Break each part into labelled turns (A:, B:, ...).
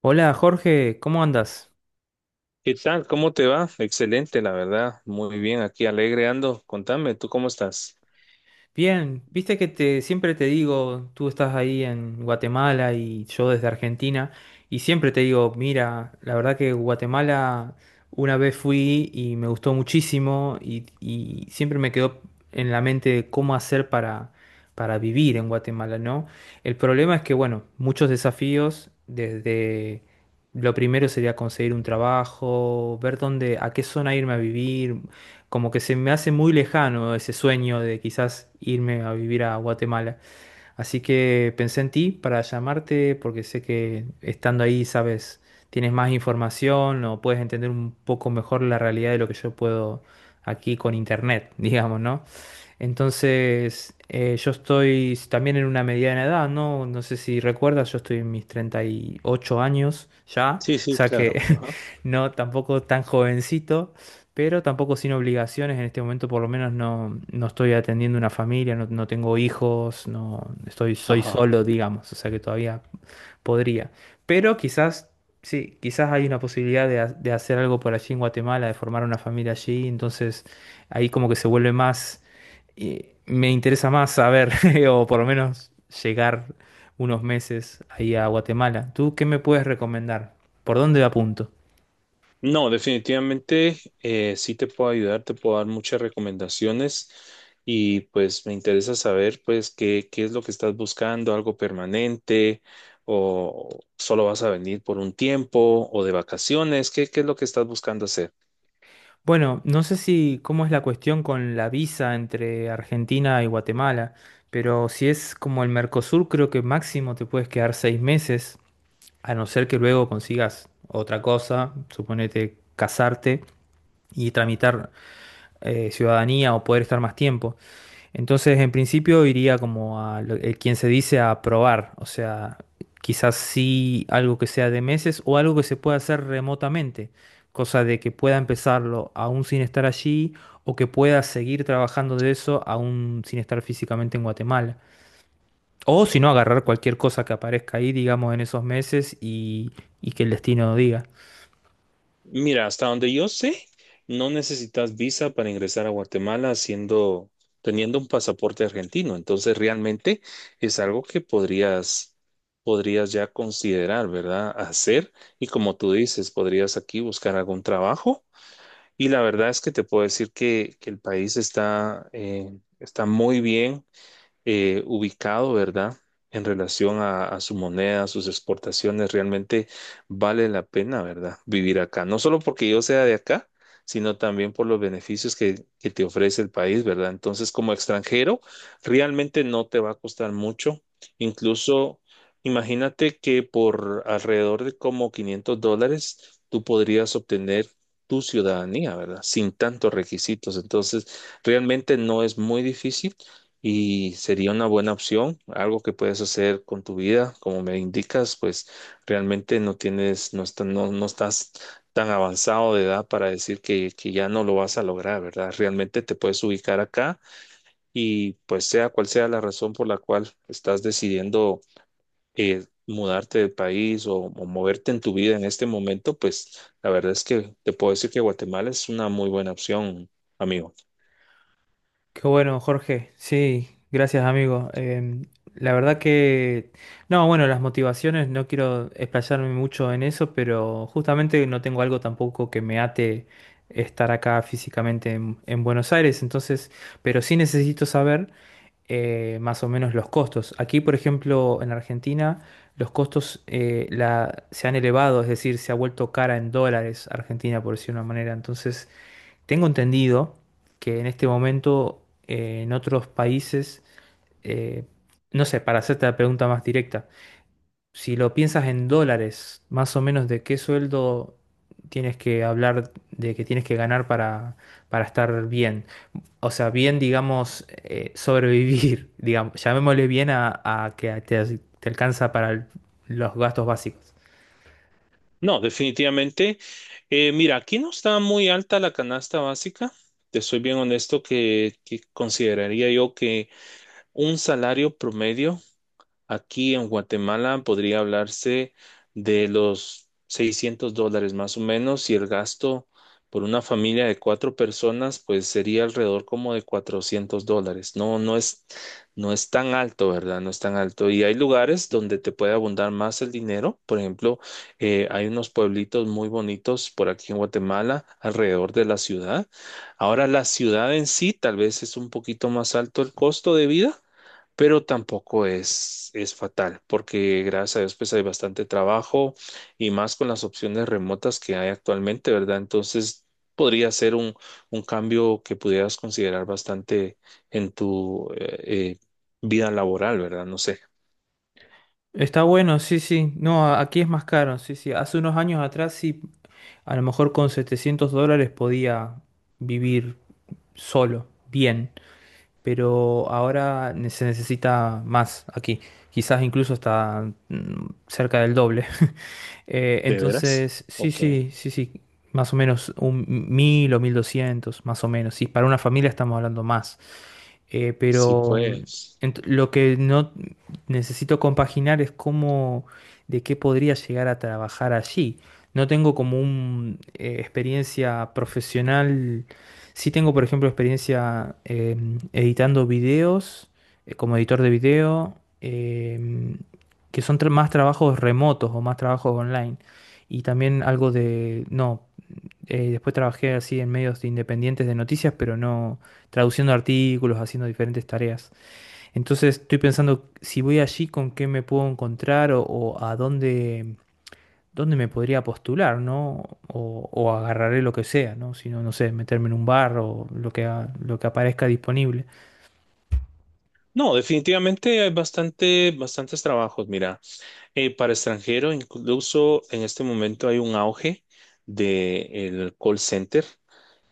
A: Hola Jorge, ¿cómo andas?
B: ¿Qué tal? ¿Cómo te va? Excelente, la verdad. Muy bien, aquí alegre ando. Contame, ¿tú cómo estás?
A: Bien, viste que te siempre te digo, tú estás ahí en Guatemala y yo desde Argentina, y siempre te digo, mira, la verdad que Guatemala una vez fui y me gustó muchísimo y siempre me quedó en la mente cómo hacer para vivir en Guatemala, ¿no? El problema es que, bueno, muchos desafíos desde... Lo primero sería conseguir un trabajo, ver dónde, a qué zona irme a vivir, como que se me hace muy lejano ese sueño de quizás irme a vivir a Guatemala. Así que pensé en ti para llamarte porque sé que estando ahí, sabes, tienes más información o puedes entender un poco mejor la realidad de lo que yo puedo aquí con internet, digamos, ¿no? Entonces, yo estoy también en una mediana edad, ¿no? No sé si recuerdas, yo estoy en mis 38 años ya,
B: Sí,
A: o
B: sí,
A: sea
B: claro.
A: que
B: Ajá.
A: no, tampoco tan jovencito, pero tampoco sin obligaciones en este momento, por lo menos no, no estoy atendiendo una familia, no, no tengo hijos, no estoy, soy
B: Ajá.
A: solo, digamos, o sea que todavía podría. Pero quizás, sí, quizás hay una posibilidad de hacer algo por allí en Guatemala, de formar una familia allí. Entonces, ahí como que se vuelve más, me interesa más saber, o por lo menos llegar unos meses ahí a Guatemala. ¿Tú qué me puedes recomendar? ¿Por dónde apunto?
B: No, definitivamente sí te puedo ayudar, te puedo dar muchas recomendaciones y pues me interesa saber pues qué es lo que estás buscando, algo permanente o solo vas a venir por un tiempo o de vacaciones, ¿ qué es lo que estás buscando hacer?
A: Bueno, no sé si cómo es la cuestión con la visa entre Argentina y Guatemala, pero si es como el Mercosur, creo que máximo te puedes quedar 6 meses. A no ser que luego consigas otra cosa, suponete casarte y tramitar ciudadanía o poder estar más tiempo. Entonces, en principio iría como quien se dice a probar, o sea, quizás sí algo que sea de meses o algo que se pueda hacer remotamente, cosa de que pueda empezarlo aún sin estar allí o que pueda seguir trabajando de eso aún sin estar físicamente en Guatemala. O si no, agarrar cualquier cosa que aparezca ahí, digamos, en esos meses y que el destino diga.
B: Mira, hasta donde yo sé, no necesitas visa para ingresar a Guatemala teniendo un pasaporte argentino. Entonces, realmente es algo que podrías ya considerar, ¿verdad? Hacer. Y como tú dices, podrías aquí buscar algún trabajo. Y la verdad es que te puedo decir que el país está, está muy bien ubicado, ¿verdad? En relación a su moneda, a sus exportaciones, realmente vale la pena, ¿verdad? Vivir acá. No solo porque yo sea de acá, sino también por los beneficios que te ofrece el país, ¿verdad? Entonces, como extranjero, realmente no te va a costar mucho. Incluso, imagínate que por alrededor de como $500, tú podrías obtener tu ciudadanía, ¿verdad? Sin tantos requisitos. Entonces, realmente no es muy difícil y sería una buena opción, algo que puedes hacer con tu vida, como me indicas, pues realmente no tienes, no estás tan avanzado de edad para decir que ya no lo vas a lograr, ¿verdad? Realmente te puedes ubicar acá y pues sea cual sea la razón por la cual estás decidiendo mudarte del país o moverte en tu vida en este momento, pues la verdad es que te puedo decir que Guatemala es una muy buena opción, amigo.
A: Qué bueno, Jorge. Sí, gracias, amigo. La verdad que... No, bueno, las motivaciones, no quiero explayarme mucho en eso, pero justamente no tengo algo tampoco que me ate estar acá físicamente en Buenos Aires, entonces, pero sí necesito saber. Eh, más o menos los costos. Aquí, por ejemplo, en Argentina, los costos se han elevado, es decir, se ha vuelto cara en dólares Argentina, por decir de una manera. Entonces, tengo entendido que en este momento en otros países, eh, no sé, para hacerte la pregunta más directa, si lo piensas en dólares, más o menos de qué sueldo tienes que hablar, de que tienes que ganar para, estar bien. O sea, bien, digamos, sobrevivir, digamos, llamémosle bien a que te alcanza para los gastos básicos.
B: No, definitivamente. Mira, aquí no está muy alta la canasta básica. Te soy bien honesto que consideraría yo que un salario promedio aquí en Guatemala podría hablarse de los $600 más o menos y el gasto por una familia de cuatro personas pues sería alrededor como de $400. No es tan alto, ¿verdad? No es tan alto. Y hay lugares donde te puede abundar más el dinero. Por ejemplo, hay unos pueblitos muy bonitos por aquí en Guatemala, alrededor de la ciudad. Ahora la ciudad en sí tal vez es un poquito más alto el costo de vida, pero tampoco es fatal, porque gracias a Dios pues hay bastante trabajo y más con las opciones remotas que hay actualmente, ¿verdad? Entonces podría ser un cambio que pudieras considerar bastante en tu vida laboral, ¿verdad? No sé,
A: Está bueno, sí, sí. No, aquí es más caro, sí, sí. Hace unos años atrás sí, a lo mejor con $700 podía vivir solo, bien, pero ahora se necesita más aquí, quizás incluso hasta cerca del doble.
B: ¿de veras?
A: Entonces, sí,
B: Ok,
A: sí, sí, sí, más o menos 1.000 o 1.200 más o menos. Sí, para una familia estamos hablando más.
B: sí
A: Pero
B: pues.
A: lo que no necesito compaginar es cómo, de qué podría llegar a trabajar allí. No tengo como una experiencia profesional. Sí tengo, por ejemplo, experiencia editando videos, como editor de video, em, que son más trabajos remotos o más trabajos online. Y también algo de, no, después trabajé así en medios independientes de noticias, pero no traduciendo artículos, haciendo diferentes tareas. Entonces estoy pensando si voy allí con qué me puedo encontrar o a dónde, dónde me podría postular, ¿no? O agarraré lo que sea, ¿no? Si no, no sé, meterme en un bar o lo que aparezca disponible.
B: No, definitivamente hay bastantes trabajos. Mira, para extranjero, incluso en este momento hay un auge del call center.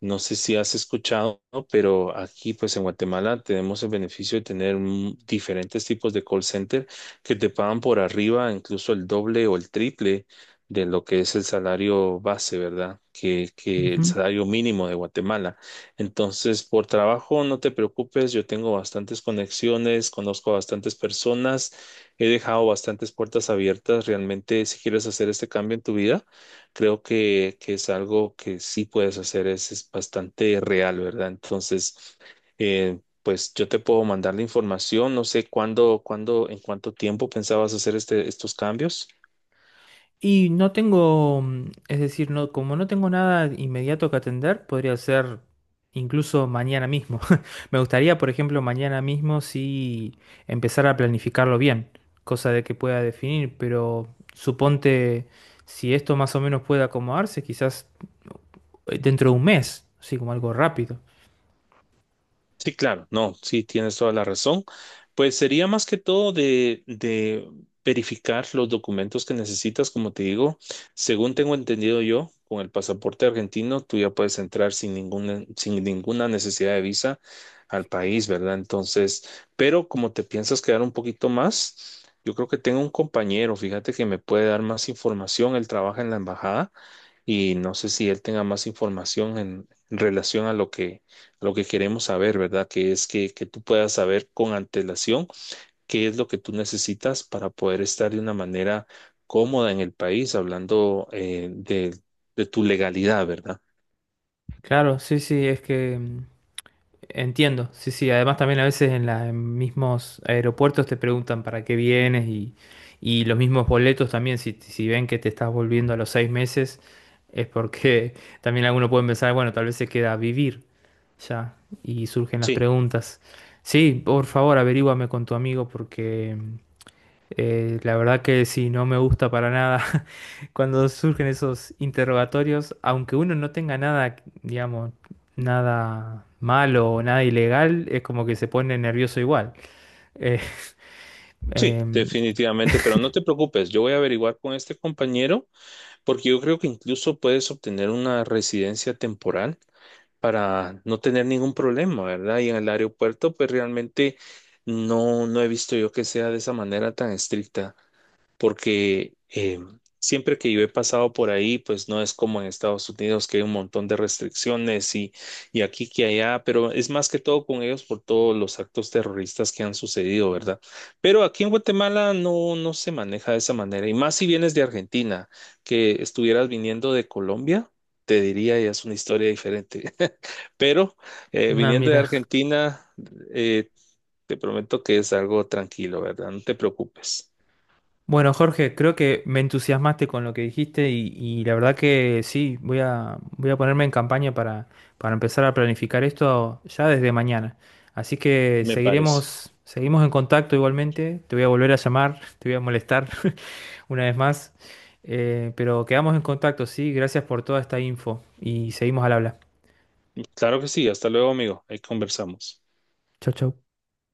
B: No sé si has escuchado, ¿no? Pero aquí pues en Guatemala tenemos el beneficio de tener diferentes tipos de call center que te pagan por arriba, incluso el doble o el triple de lo que es el salario base, ¿verdad? Que el salario mínimo de Guatemala. Entonces, por trabajo, no te preocupes, yo tengo bastantes conexiones, conozco a bastantes personas, he dejado bastantes puertas abiertas. Realmente, si quieres hacer este cambio en tu vida, creo que es algo que sí puedes hacer, es bastante real, ¿verdad? Entonces, pues yo te puedo mandar la información, no sé en cuánto tiempo pensabas hacer estos cambios.
A: Y no tengo, es decir, no, como no tengo nada inmediato que atender, podría ser incluso mañana mismo. Me gustaría, por ejemplo, mañana mismo sí empezar a planificarlo bien, cosa de que pueda definir, pero suponte si esto más o menos puede acomodarse, quizás dentro de un mes, así como algo rápido.
B: Sí, claro, no, sí, tienes toda la razón. Pues sería más que todo de verificar los documentos que necesitas, como te digo. Según tengo entendido yo, con el pasaporte argentino, tú ya puedes entrar sin ninguna, sin ninguna necesidad de visa al país, ¿verdad? Entonces, pero como te piensas quedar un poquito más, yo creo que tengo un compañero, fíjate que me puede dar más información. Él trabaja en la embajada y no sé si él tenga más información en relación a lo a lo que queremos saber, ¿verdad? Que es que tú puedas saber con antelación qué es lo que tú necesitas para poder estar de una manera cómoda en el país, hablando de tu legalidad, ¿verdad?
A: Claro, sí, sí, es que entiendo, sí, sí. Además también a veces en los mismos aeropuertos te preguntan para qué vienes y los mismos boletos también, si ven que te estás volviendo a los 6 meses, es porque también algunos pueden pensar, bueno, tal vez se queda a vivir ya y surgen las
B: Sí.
A: preguntas. Sí, por favor, averíguame con tu amigo porque la verdad que sí, no me gusta para nada cuando surgen esos interrogatorios, aunque uno no tenga nada, digamos, nada malo o nada ilegal, es como que se pone nervioso igual. Eh,
B: Sí,
A: em,
B: definitivamente, pero no te preocupes, yo voy a averiguar con este compañero porque yo creo que incluso puedes obtener una residencia temporal para no tener ningún problema, ¿verdad? Y en el aeropuerto, pues realmente no he visto yo que sea de esa manera tan estricta porque siempre que yo he pasado por ahí, pues no es como en Estados Unidos que hay un montón de restricciones y aquí que allá, pero es más que todo con ellos por todos los actos terroristas que han sucedido, ¿verdad? Pero aquí en Guatemala no, no se maneja de esa manera, y más si vienes de Argentina, que estuvieras viniendo de Colombia. Te diría, ya es una historia diferente. Pero
A: ah,
B: viniendo de
A: mira.
B: Argentina, eh, te prometo que es algo tranquilo, ¿verdad? No te preocupes,
A: Bueno, Jorge, creo que me entusiasmaste con lo que dijiste y la verdad que sí, voy a ponerme en campaña para, empezar a planificar esto ya desde mañana. Así que
B: me parece.
A: seguiremos, seguimos en contacto igualmente. Te voy a volver a llamar, te voy a molestar una vez más. Pero quedamos en contacto, sí. Gracias por toda esta info y seguimos al habla.
B: Claro que sí, hasta luego, amigo. Ahí conversamos.
A: Chau, chau.